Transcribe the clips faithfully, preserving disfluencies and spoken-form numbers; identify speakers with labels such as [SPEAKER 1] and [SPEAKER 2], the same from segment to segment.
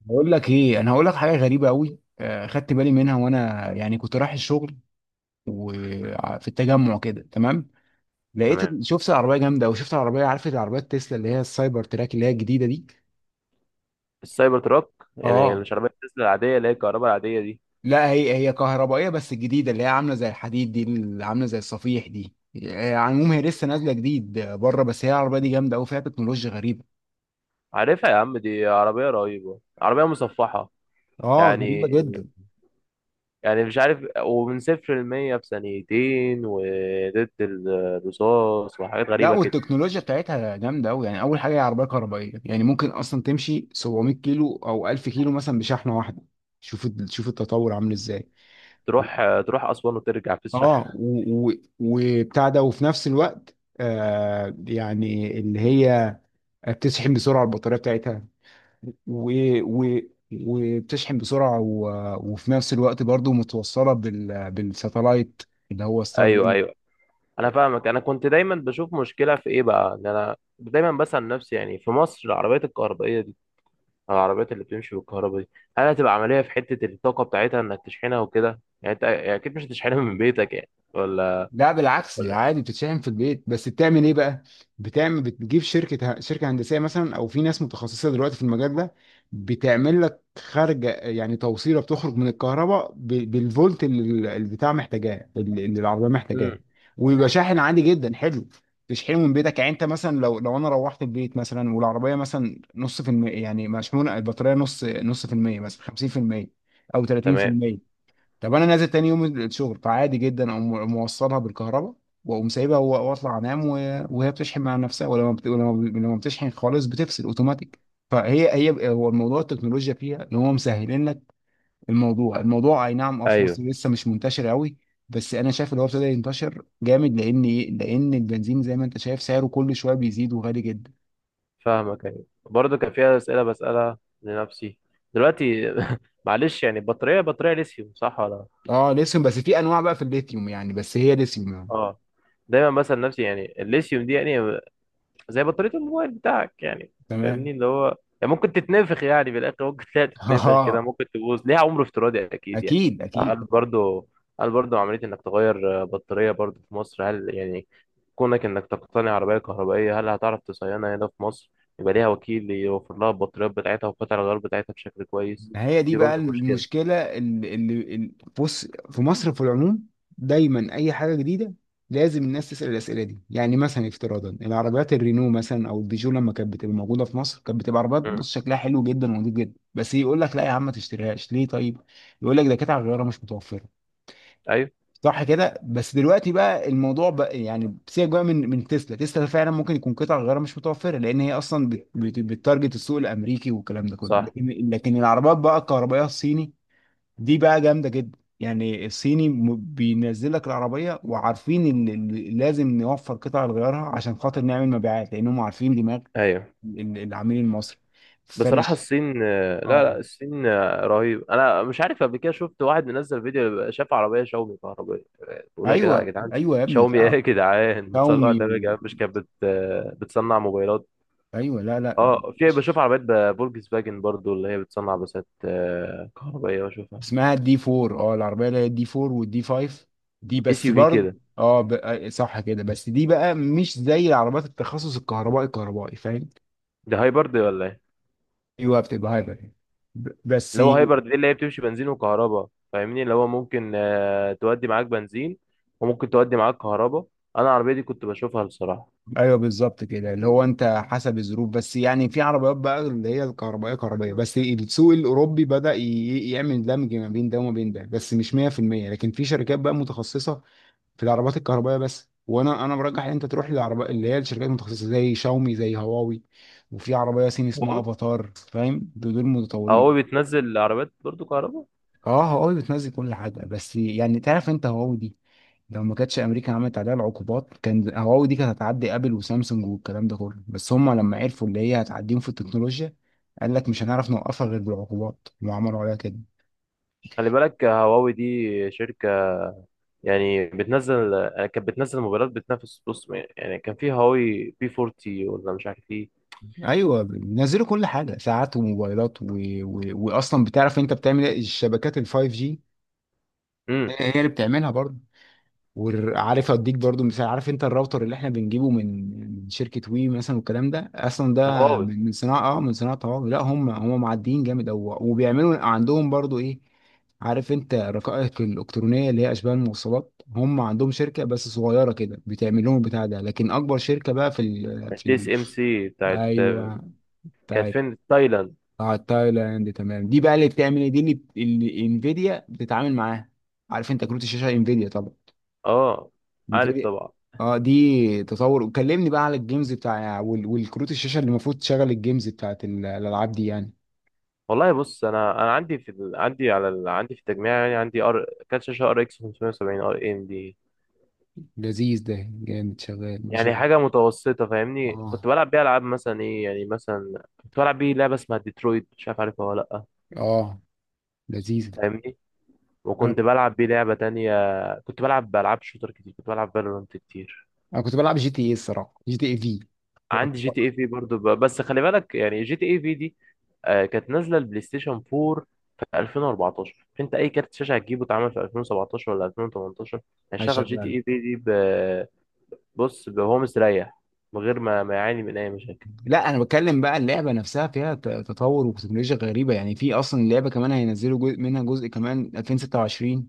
[SPEAKER 1] بقول لك ايه، انا هقول لك حاجه غريبه قوي. آه، خدت بالي منها وانا يعني كنت رايح الشغل وفي التجمع كده. تمام.
[SPEAKER 2] تمام.
[SPEAKER 1] لقيت شفت العربيه جامده، او شفت العربيه. عارف العربيات تسلا اللي هي السايبر تراك اللي هي الجديده دي؟
[SPEAKER 2] السايبر تراك، يعني
[SPEAKER 1] اه.
[SPEAKER 2] العربية تسلا العادية اللي هي الكهرباء العادية دي.
[SPEAKER 1] لا، هي هي كهربائيه بس الجديده اللي هي عامله زي الحديد دي، اللي عامله زي الصفيح دي. آه، على العموم هي لسه نازله جديد بره، بس هي العربيه دي جامده قوي، فيها تكنولوجيا غريبه.
[SPEAKER 2] عارفها يا عم، دي عربية رهيبة، عربية مصفحة.
[SPEAKER 1] اه
[SPEAKER 2] يعني
[SPEAKER 1] غريبه جدا.
[SPEAKER 2] يعني مش عارف. ومن صفر لمية في ثانيتين، وضد الرصاص، وحاجات
[SPEAKER 1] لا،
[SPEAKER 2] غريبة كده.
[SPEAKER 1] والتكنولوجيا بتاعتها جامده قوي. يعني اول حاجه هي عربيه كهربائيه، يعني ممكن اصلا تمشي سبعمية كيلو او الف كيلو مثلا بشحنه واحده. شوف ال- شوف التطور عامل ازاي.
[SPEAKER 2] تروح تروح أسوان وترجع في الشحن.
[SPEAKER 1] اه و- و- وبتاع ده، وفي نفس الوقت آه يعني اللي هي بتشحن بسرعه البطاريه بتاعتها، و و وبتشحن بسرعه و... وفي نفس الوقت برضو متوصله بال... بالساتلايت اللي هو ستار.
[SPEAKER 2] أيوه، أيوه، أنا فاهمك. أنا كنت دايما بشوف مشكلة في إيه بقى، إن أنا دايما بسأل نفسي يعني في مصر العربيات الكهربائية، العربيات اللي بتمشي بالكهرباء دي، هل هتبقى عملية في حتة الطاقة بتاعتها انك تشحنها وكده؟ يعني انت يعني اكيد مش هتشحنها من بيتك يعني، ولا
[SPEAKER 1] لا بالعكس،
[SPEAKER 2] ولا
[SPEAKER 1] عادي بتتشحن في البيت. بس بتعمل ايه بقى، بتعمل، بتجيب شركة ه- شركة هندسية مثلا، او في ناس متخصصة دلوقتي في المجال ده. بتعمل لك خارجة، يعني توصيلة بتخرج من الكهرباء ب- بالفولت اللي ال- البتاع محتاجاه، اللي اللي العربية محتاجاه.
[SPEAKER 2] امم
[SPEAKER 1] ويبقى شاحن عادي جدا حلو، تشحنه من بيتك. يعني انت مثلا لو لو انا روحت البيت مثلا، والعربية مثلا نص في المية، يعني مشحونة البطارية نص نص في المية مثلا خمسين في المية او
[SPEAKER 2] تمام.
[SPEAKER 1] تلاتين في المية. طب انا نازل تاني يوم الشغل، فعادي جدا اقوم موصلها بالكهرباء، واقوم سايبها و- واطلع انام، و- وهي بتشحن مع نفسها. ولما بت... ولما لما بتشحن خالص بتفصل اوتوماتيك. فهي هي هو الموضوع، التكنولوجيا فيها ان هو مسهلين لك الموضوع. الموضوع اي نعم، اه في
[SPEAKER 2] ايوه،
[SPEAKER 1] مصر لسه مش منتشر قوي. بس انا شايف ان هو ابتدى ينتشر جامد. لان ايه؟ لان البنزين زي ما انت شايف سعره كل شويه بيزيد، وغالي جدا.
[SPEAKER 2] فاهمك. ايوه برضه كان فيها أسئلة بسألها لنفسي دلوقتي معلش، يعني بطارية بطارية ليثيوم صح ولا؟
[SPEAKER 1] اه ليثيوم، بس في انواع بقى في الليثيوم يعني، بس هي ليثيوم يعني.
[SPEAKER 2] اه. دايما بسأل نفسي يعني الليثيوم دي، يعني زي بطارية الموبايل بتاعك يعني،
[SPEAKER 1] تمام.
[SPEAKER 2] فاهمني اللي هو، يعني ممكن تتنفخ يعني في الاخر، ممكن تلاقي تتنفخ كده،
[SPEAKER 1] اه،
[SPEAKER 2] ممكن تبوظ، ليها عمر افتراضي اكيد يعني.
[SPEAKER 1] اكيد اكيد.
[SPEAKER 2] هل برضو هل برضو عملية انك تغير آه، بطارية برضو في مصر؟ هل يعني كونك انك تقتني عربية كهربائية هل هتعرف تصينها هنا في مصر؟ يبقى ليها وكيل يوفر لها البطاريات بتاعتها وقطع الغيار بتاعتها بشكل كويس.
[SPEAKER 1] هي دي
[SPEAKER 2] دي
[SPEAKER 1] بقى
[SPEAKER 2] برضو مشكلة.
[SPEAKER 1] المشكلة اللي اللي- اللي- بص، في مصر في العموم دايما أي حاجة جديدة لازم الناس تسأل الأسئلة دي. يعني مثلا افتراضا العربيات الرينو مثلا أو البيجو، لما كانت بتبقى موجودة في مصر، كانت بتبقى عربيات
[SPEAKER 2] مم.
[SPEAKER 1] بص شكلها حلو جدا ونضيف جدا. بس يقول لك لا يا عم ما تشتريهاش. ليه؟ طيب يقول لك ده كانت على الغيارة مش متوفرة.
[SPEAKER 2] ايوه
[SPEAKER 1] صح كده. بس دلوقتي بقى الموضوع بقى يعني سيبك بقى من من تسلا. تسلا فعلا ممكن يكون قطع غيارها مش متوفره، لان هي اصلا بت- بت- بتتارجت السوق الامريكي والكلام ده كله.
[SPEAKER 2] صح.
[SPEAKER 1] لكن لكن العربيات بقى الكهربائيه الصيني دي بقى جامده جدا. يعني الصيني م- بينزل لك العربيه وعارفين ال- ال- لازم نوفر قطع لغيارها عشان خاطر نعمل مبيعات، لانهم عارفين دماغ
[SPEAKER 2] ايوه.
[SPEAKER 1] ال- العميل المصري. فانا
[SPEAKER 2] بصراحة
[SPEAKER 1] ش-
[SPEAKER 2] الصين، لا،
[SPEAKER 1] اه.
[SPEAKER 2] لا، الصين رهيب. أنا مش عارف، قبل كده شفت واحد منزل فيديو، شاف عربية شاومي كهربائية، بقول يا جدعان، يا
[SPEAKER 1] ايوه
[SPEAKER 2] جدعان
[SPEAKER 1] ايوه يا ابني
[SPEAKER 2] شاومي إيه
[SPEAKER 1] فعلا.
[SPEAKER 2] يا جدعان بتصنع
[SPEAKER 1] xiaomi
[SPEAKER 2] ده؟ يا
[SPEAKER 1] و...
[SPEAKER 2] جدعان مش كانت بت... بتصنع موبايلات؟
[SPEAKER 1] ايوه. لا لا،
[SPEAKER 2] أه، في بشوف عربيات ب- فولكس فاجن برضو اللي هي بتصنع بسات آه، كهربائية بشوفها.
[SPEAKER 1] اسمها الدي اربعة. اه العربيه اللي هي الدي اربعة والدي خمسة. دي
[SPEAKER 2] اس
[SPEAKER 1] بس
[SPEAKER 2] يو في
[SPEAKER 1] برضه
[SPEAKER 2] كده.
[SPEAKER 1] اه ب... آه، صح كده. بس دي بقى مش زي العربيات التخصص الكهربائي، الكهربائي فاهم.
[SPEAKER 2] ده هايبرد ولا إيه؟
[SPEAKER 1] ايوه بتبقى هايبر يعني. ب- بس
[SPEAKER 2] اللي هو هايبرد دي اللي هي بتمشي بنزين وكهرباء. فاهمني اللي هو ممكن آه، تودي معاك بنزين، وممكن تودي معاك كهرباء. أنا العربية دي كنت بشوفها بصراحة.
[SPEAKER 1] ايوه بالظبط كده، اللي هو انت حسب الظروف. بس يعني في عربيات بقى اللي هي الكهربائيه، كهربائيه بس، السوق الاوروبي بدأ ي- يعمل دمج ما بين ده وما بين ده، بس مش مية في المية. لكن في شركات بقى متخصصه في العربات الكهربائيه بس، وانا انا برجح ان انت تروح للعربية اللي هي الشركات المتخصصه زي شاومي، زي هواوي. وفي عربيه صيني اسمها افاتار، فاهم؟ دول دول متطورين.
[SPEAKER 2] هواوي بتنزل عربيات برضو كهرباء؟
[SPEAKER 1] اه هواوي بتنزل كل حاجه. بس يعني تعرف انت هواوي دي لو ما كانتش امريكا عملت عليها العقوبات كان هواوي دي كانت هتعدي ابل وسامسونج والكلام ده كله. بس هم لما عرفوا اللي هي هتعديهم في التكنولوجيا قال لك مش هنعرف نوقفها غير بالعقوبات، وعملوا عليها كده.
[SPEAKER 2] خلي بالك، هواوي دي شركة، يعني بتنزل، يعني كانت بتنزل موبايلات بتنافس بص. يعني كان في هواوي بي فورتي، ولا مش عارف ايه.
[SPEAKER 1] ايوه بينزلوا كل حاجه، ساعات وموبايلات و... و... واصلا بتعرف انت بتعمل ايه؟ الشبكات ال فايف جي
[SPEAKER 2] امم
[SPEAKER 1] هي اللي بتعملها برضه. وعارف اديك برضه مثال، عارف انت الراوتر اللي احنا بنجيبه من من شركه وي مثلا، والكلام ده اصلا ده
[SPEAKER 2] هواوي.
[SPEAKER 1] من من صناعه، اه من صناعه هواوي. لا هم هم معديين جامد. او وبيعملوا عندهم برضه ايه، عارف انت الرقائق الالكترونيه اللي هي اشباه الموصلات؟ هم عندهم شركه بس صغيره كده بتعمل لهم البتاع ده. لكن اكبر شركه بقى في ال في
[SPEAKER 2] التي اس
[SPEAKER 1] ال
[SPEAKER 2] ام سي بتاعت،
[SPEAKER 1] ايوه.
[SPEAKER 2] كانت
[SPEAKER 1] بتاعت،
[SPEAKER 2] فين، تايلاند.
[SPEAKER 1] بتاعت تايلاند. تمام دي بقى اللي بتعمل ايه دي اللي اللي انفيديا بتتعامل معاها. عارف انت كروت الشاشه انفيديا طبعا.
[SPEAKER 2] اه. عارف
[SPEAKER 1] نفيديا.
[SPEAKER 2] طبعا.
[SPEAKER 1] اه دي تطور، وكلمني بقى على الجيمز بتاع وال- والكروت الشاشه اللي المفروض تشغل الجيمز بتاعت ال- الالعاب دي يعني.
[SPEAKER 2] والله بص، انا انا عندي في ال... عندي على ال... عندي في التجميع، يعني عندي ار كارت شاشة، ار اكس خمسمية وسبعين ار ام دي.
[SPEAKER 1] لذيذ ده جامد شغال ما شاء
[SPEAKER 2] يعني
[SPEAKER 1] الله.
[SPEAKER 2] حاجة متوسطة، فاهمني،
[SPEAKER 1] اه
[SPEAKER 2] كنت بلعب بيها العاب، مثلا ايه يعني، مثلا كنت بلعب بيه لعبة اسمها ديترويت، مش عارف عارفها ولا؟
[SPEAKER 1] اه، لذيذ.
[SPEAKER 2] فاهمني.
[SPEAKER 1] انا
[SPEAKER 2] وكنت بلعب بيه لعبة تانية. كنت بلعب بألعاب شوتر كتير، كنت بلعب فالورانت كتير.
[SPEAKER 1] انا كنت بلعب جي تي ايه، الصراحه جي تي ايه في.
[SPEAKER 2] عندي جي تي اي في برضه، ب... بس خلي بالك يعني جي تي اي في دي آه، كانت نازلة البلاي ستيشن اربعة في الفين واربعتاشر. انت اي كارت شاشة هتجيبه اتعمل في الفين وسبعتاشر ولا الفين وتمنتاشر، هيشغل جي
[SPEAKER 1] شغال.
[SPEAKER 2] تي اي في دي ب... بص، ب- وهو مستريح من غير ما ما يعاني من اي مشاكل.
[SPEAKER 1] لا انا بتكلم بقى، اللعبه نفسها فيها ت- تطور وتكنولوجيا غريبه يعني. في اصلا اللعبه كمان هينزلوا جزء منها، جزء كمان الفين وستة وعشرين.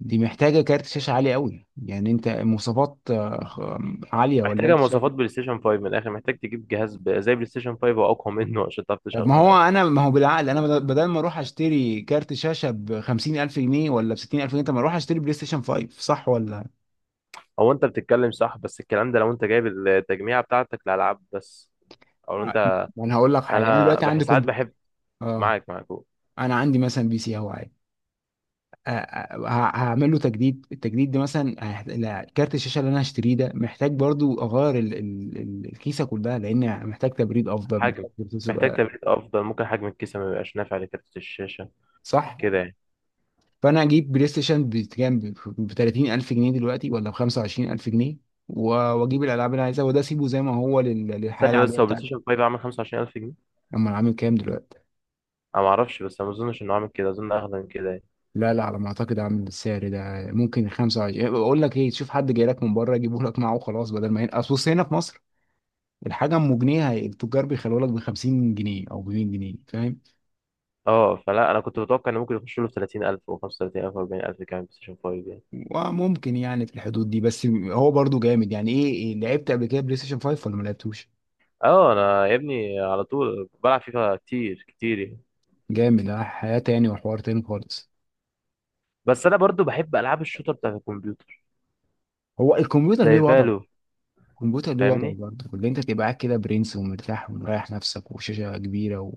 [SPEAKER 1] دي محتاجه كارت شاشه عالي قوي. يعني انت مواصفات آه، خ- عاليه ولا
[SPEAKER 2] محتاجة
[SPEAKER 1] انت شايف؟
[SPEAKER 2] مواصفات بلاي ستيشن خمسة من الاخر، محتاج تجيب جهاز ب... زي بلاي ستيشن خمسة واقوى منه عشان تعرف
[SPEAKER 1] طب ما هو
[SPEAKER 2] تشغلها.
[SPEAKER 1] انا، ما هو بالعقل انا بدل بدل ما اروح اشتري كارت شاشه ب خمسين الف جنيه ولا ب ستين الف جنيه، طب ما اروح اشتري بلاي ستيشن خمسة. صح ولا؟
[SPEAKER 2] هو انت بتتكلم صح، بس الكلام ده لو انت جايب التجميعة بتاعتك لألعاب بس، او لو
[SPEAKER 1] ع-
[SPEAKER 2] انت،
[SPEAKER 1] ما انا هقول لك حاجه، انا
[SPEAKER 2] انا
[SPEAKER 1] دلوقتي
[SPEAKER 2] بح-
[SPEAKER 1] عندي
[SPEAKER 2] ساعات
[SPEAKER 1] كمبيوتر.
[SPEAKER 2] بحب.
[SPEAKER 1] اه.
[SPEAKER 2] معاك، معاك قول.
[SPEAKER 1] انا عندي مثلا بي سي اهو عادي. آه، آه، ه- هعمل له تجديد، التجديد ده مثلا هيحت- لا، كارت الشاشه اللي انا هشتريه ده محتاج برضو اغير ال... ال... ال- الكيسه كلها، لان محتاج تبريد افضل،
[SPEAKER 2] حجم.
[SPEAKER 1] محتاج بروسيسور
[SPEAKER 2] محتاج
[SPEAKER 1] آه،
[SPEAKER 2] تبريد افضل، ممكن حجم الكيسة ما يبقاش نافع لكارت الشاشة
[SPEAKER 1] صح.
[SPEAKER 2] كده يعني.
[SPEAKER 1] فانا اجيب بلاي ستيشن بكام؟ ب تلاتين الف جنيه دلوقتي ولا ب خمسة وعشرين الف جنيه، و- واجيب الالعاب اللي عايزها وده اسيبه زي ما هو لل- للحياه
[SPEAKER 2] ثانية
[SPEAKER 1] العاديه
[SPEAKER 2] بس، هو بلاي
[SPEAKER 1] بتاعتي.
[SPEAKER 2] ستيشن خمسة عامل خمسة وعشرين الف جنيه؟
[SPEAKER 1] اما العامل كام دلوقتي؟
[SPEAKER 2] انا ما اعرفش، بس انا ما اظنش انه عامل كده، اظن اغلى من كده يعني.
[SPEAKER 1] لا لا، على ما اعتقد عامل السعر ده ممكن خمسة وعشرين، اقول لك ايه، تشوف حد جاي لك من بره يجيبه لك معاه وخلاص بدل ما ينقص. بص هنا في مصر الحاجه ام جنيه هي- التجار بيخلوها لك ب خمسين جنيه او ب ميت جنيه، فاهم.
[SPEAKER 2] اه، فلا انا كنت متوقع انه ممكن يخش له في تلاتين الف و خمسة وثلاثين الف و اربعين الف كمان بلاي ستيشن خمسة يعني.
[SPEAKER 1] وممكن يعني في الحدود دي. بس هو برضو جامد يعني ايه. إيه، لعبت قبل كده بلاي ستيشن خمسة ولا ما لعبتوش؟
[SPEAKER 2] اه، انا يا ابني على طول بلعب فيفا كتير كتير يعني.
[SPEAKER 1] جامد. اه حياة تاني وحوار تاني خالص.
[SPEAKER 2] بس انا برضو بحب العاب الشوتر بتاعت الكمبيوتر
[SPEAKER 1] هو الكمبيوتر
[SPEAKER 2] زي
[SPEAKER 1] ليه وضعه،
[SPEAKER 2] فالو،
[SPEAKER 1] الكمبيوتر ليه وضعه
[SPEAKER 2] فاهمني.
[SPEAKER 1] برضه، اللي انت تبقى قاعد كده برنس ومرتاح ومريح نفسك وشاشة كبيرة و...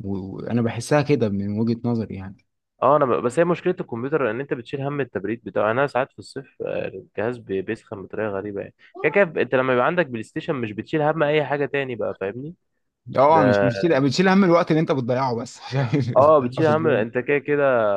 [SPEAKER 1] و- وانا بحسها كده من وجهة نظري يعني.
[SPEAKER 2] اه، انا ب... بس هي مشكله الكمبيوتر ان انت بتشيل هم التبريد بتاعه يعني، انا ساعات في الصيف آه، الجهاز بي- بيسخن بطريقه غريبه يعني. كده كده انت لما يبقى عندك بلاي ستيشن مش بتشيل هم اي حاجه تاني بقى، فاهمني.
[SPEAKER 1] اه مش
[SPEAKER 2] ما-
[SPEAKER 1] مش بتشيل بتشيل هم الوقت اللي انت بتضيعه، بس
[SPEAKER 2] اه،
[SPEAKER 1] بتضيعه
[SPEAKER 2] بتشيل
[SPEAKER 1] في
[SPEAKER 2] هم
[SPEAKER 1] الجيم.
[SPEAKER 2] انت كده كده.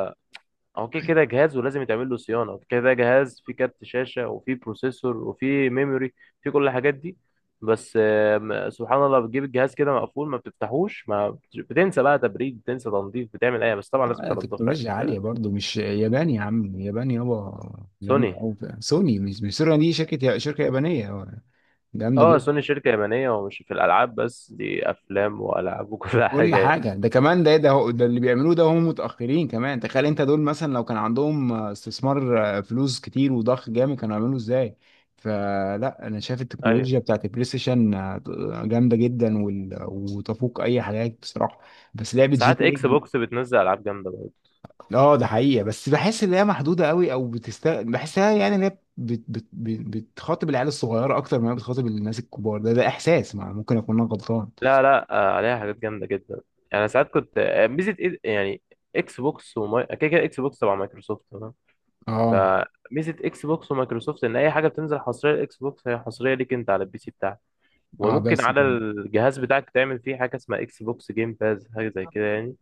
[SPEAKER 2] هو كده كده جهاز ولازم يتعمل له صيانه، كده كده جهاز فيه كارت شاشه وفيه بروسيسور وفيه ميموري، فيه كل الحاجات دي. بس آم، سبحان الله، بتجيب الجهاز كده مقفول، ما بتفتحوش، ما بت- بتنسى بقى تبريد، بتنسى تنظيف، بتعمل ايه؟ بس طبعا لازم
[SPEAKER 1] آه،
[SPEAKER 2] تنضفه.
[SPEAKER 1] تكنولوجيا
[SPEAKER 2] يعني
[SPEAKER 1] عالية برضه، مش ياباني يا عم؟ ياباني، يابا
[SPEAKER 2] سوني.
[SPEAKER 1] جامدة أوي. سوني، مش مش سوني دي شركة شركة يابانية. اه، جامدة.
[SPEAKER 2] اه، سوني شركة يابانية، ومش في الألعاب بس، دي أفلام وألعاب وكل
[SPEAKER 1] كل
[SPEAKER 2] حاجة يعني.
[SPEAKER 1] حاجة. ده كمان ده ده هو- ده اللي بيعملوه ده، هم متأخرين كمان. تخيل انت دول مثلا لو كان عندهم آه، استثمار، آه، فلوس كتير وضخ جامد، كانوا يعملوا ازاي. فلا انا شايف
[SPEAKER 2] أيوة.
[SPEAKER 1] التكنولوجيا بتاعت البلاي ستيشن آه، جامدة جدا وال- وتفوق اي حاجات بصراحة. بس لعبة جي
[SPEAKER 2] ساعات
[SPEAKER 1] تي
[SPEAKER 2] إكس
[SPEAKER 1] اي.
[SPEAKER 2] بوكس بتنزل ألعاب جامدة برضه.
[SPEAKER 1] اه ده حقيقة. بس بحس ان هي محدودة قوي، او بتست بحسها يعني ان هي بت... بت... بت... بتخاطب العيال الصغيرة اكتر ما هي بتخاطب الناس الكبار. ده ده احساس مع- ممكن اكون انا غلطان.
[SPEAKER 2] لا، لا، آه، عليها حاجات جامدة جدا. يعني ساعات كنت آه، ميزة إيه- يعني إكس بوكس وماي كده كده إكس بوكس تبع مايكروسوفت تمام.
[SPEAKER 1] اه
[SPEAKER 2] فميزة إكس بوكس ومايكروسوفت إن أي حاجة بتنزل حصرية لإكس بوكس، هي حصرية ليك أنت على البي سي بتاعك.
[SPEAKER 1] اه،
[SPEAKER 2] وممكن
[SPEAKER 1] بس
[SPEAKER 2] على
[SPEAKER 1] كده.
[SPEAKER 2] الجهاز بتاعك تعمل فيه حاجة اسمها إكس بوكس جيم باز، حاجة زي كده يعني.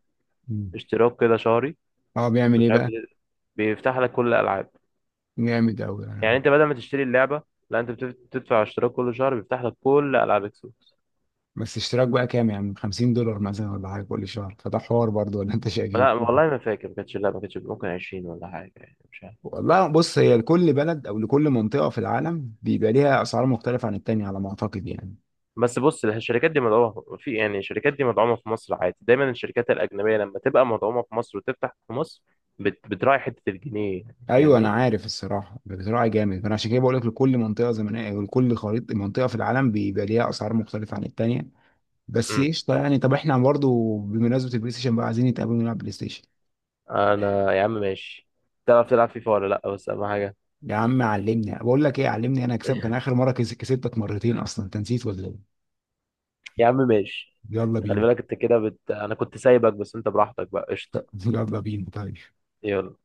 [SPEAKER 1] مم.
[SPEAKER 2] اشتراك كده شهري.
[SPEAKER 1] اه، بيعمل
[SPEAKER 2] مش
[SPEAKER 1] ايه
[SPEAKER 2] عارف،
[SPEAKER 1] بقى؟
[SPEAKER 2] بت- بيفتح لك كل الألعاب.
[SPEAKER 1] جامد أوي
[SPEAKER 2] يعني
[SPEAKER 1] يعني.
[SPEAKER 2] انت بدل ما تشتري اللعبه، لا انت بتف- بتدفع اشتراك كل شهر، بيفتح لك كل العاب اكس بوكس.
[SPEAKER 1] بس اشتراك بقى كام يعني، خمسين دولار مثلا ولا حاجة كل شهر، فده حوار برضه ولا أنت شايف إيه؟
[SPEAKER 2] لا والله ما فاكر، ما كانتش، لا، ما كانتش، ممكن عشرين ولا حاجه يعني، مش عارف.
[SPEAKER 1] والله بص، هي لكل بلد أو لكل منطقة في العالم بيبقى ليها أسعار مختلفة عن التانية على ما أعتقد يعني.
[SPEAKER 2] بس بص، الشركات دي مدعومه في، يعني الشركات دي مدعومه في مصر عادي، دايما الشركات الاجنبيه لما تبقى مدعومه في مصر وتفتح في مصر بت... بتراعي حته الجنيه يعني،
[SPEAKER 1] أيوه أنا
[SPEAKER 2] فاهمني.
[SPEAKER 1] عارف. الصراحة بصراحة جامد. أنا عشان كده بقول لك لكل منطقة زمنية أو لكل خريطة منطقة في العالم بيبقى ليها أسعار مختلفة عن التانية. بس
[SPEAKER 2] امم
[SPEAKER 1] قشطة يعني، طب إحنا برضه بمناسبة البلاي ستيشن بقى عايزين نتقابل ونلعب بلاي ستيشن.
[SPEAKER 2] انا يا عم ماشي. تعرف تلعب فيفا ولا لا؟ بس اهم حاجه.
[SPEAKER 1] يا عم علمني، بقول لك إيه، علمني أنا أكسبك. أنا آخر مرة كس- كسبتك مرتين أصلا أنت نسيت ولا إيه؟
[SPEAKER 2] يا عم ماشي.
[SPEAKER 1] يلا
[SPEAKER 2] انت خلي
[SPEAKER 1] بينا.
[SPEAKER 2] بالك، انت كده بت... انا كنت سايبك، بس انت براحتك بقى قشطه.
[SPEAKER 1] يلا بينا طيب.
[SPEAKER 2] يلا.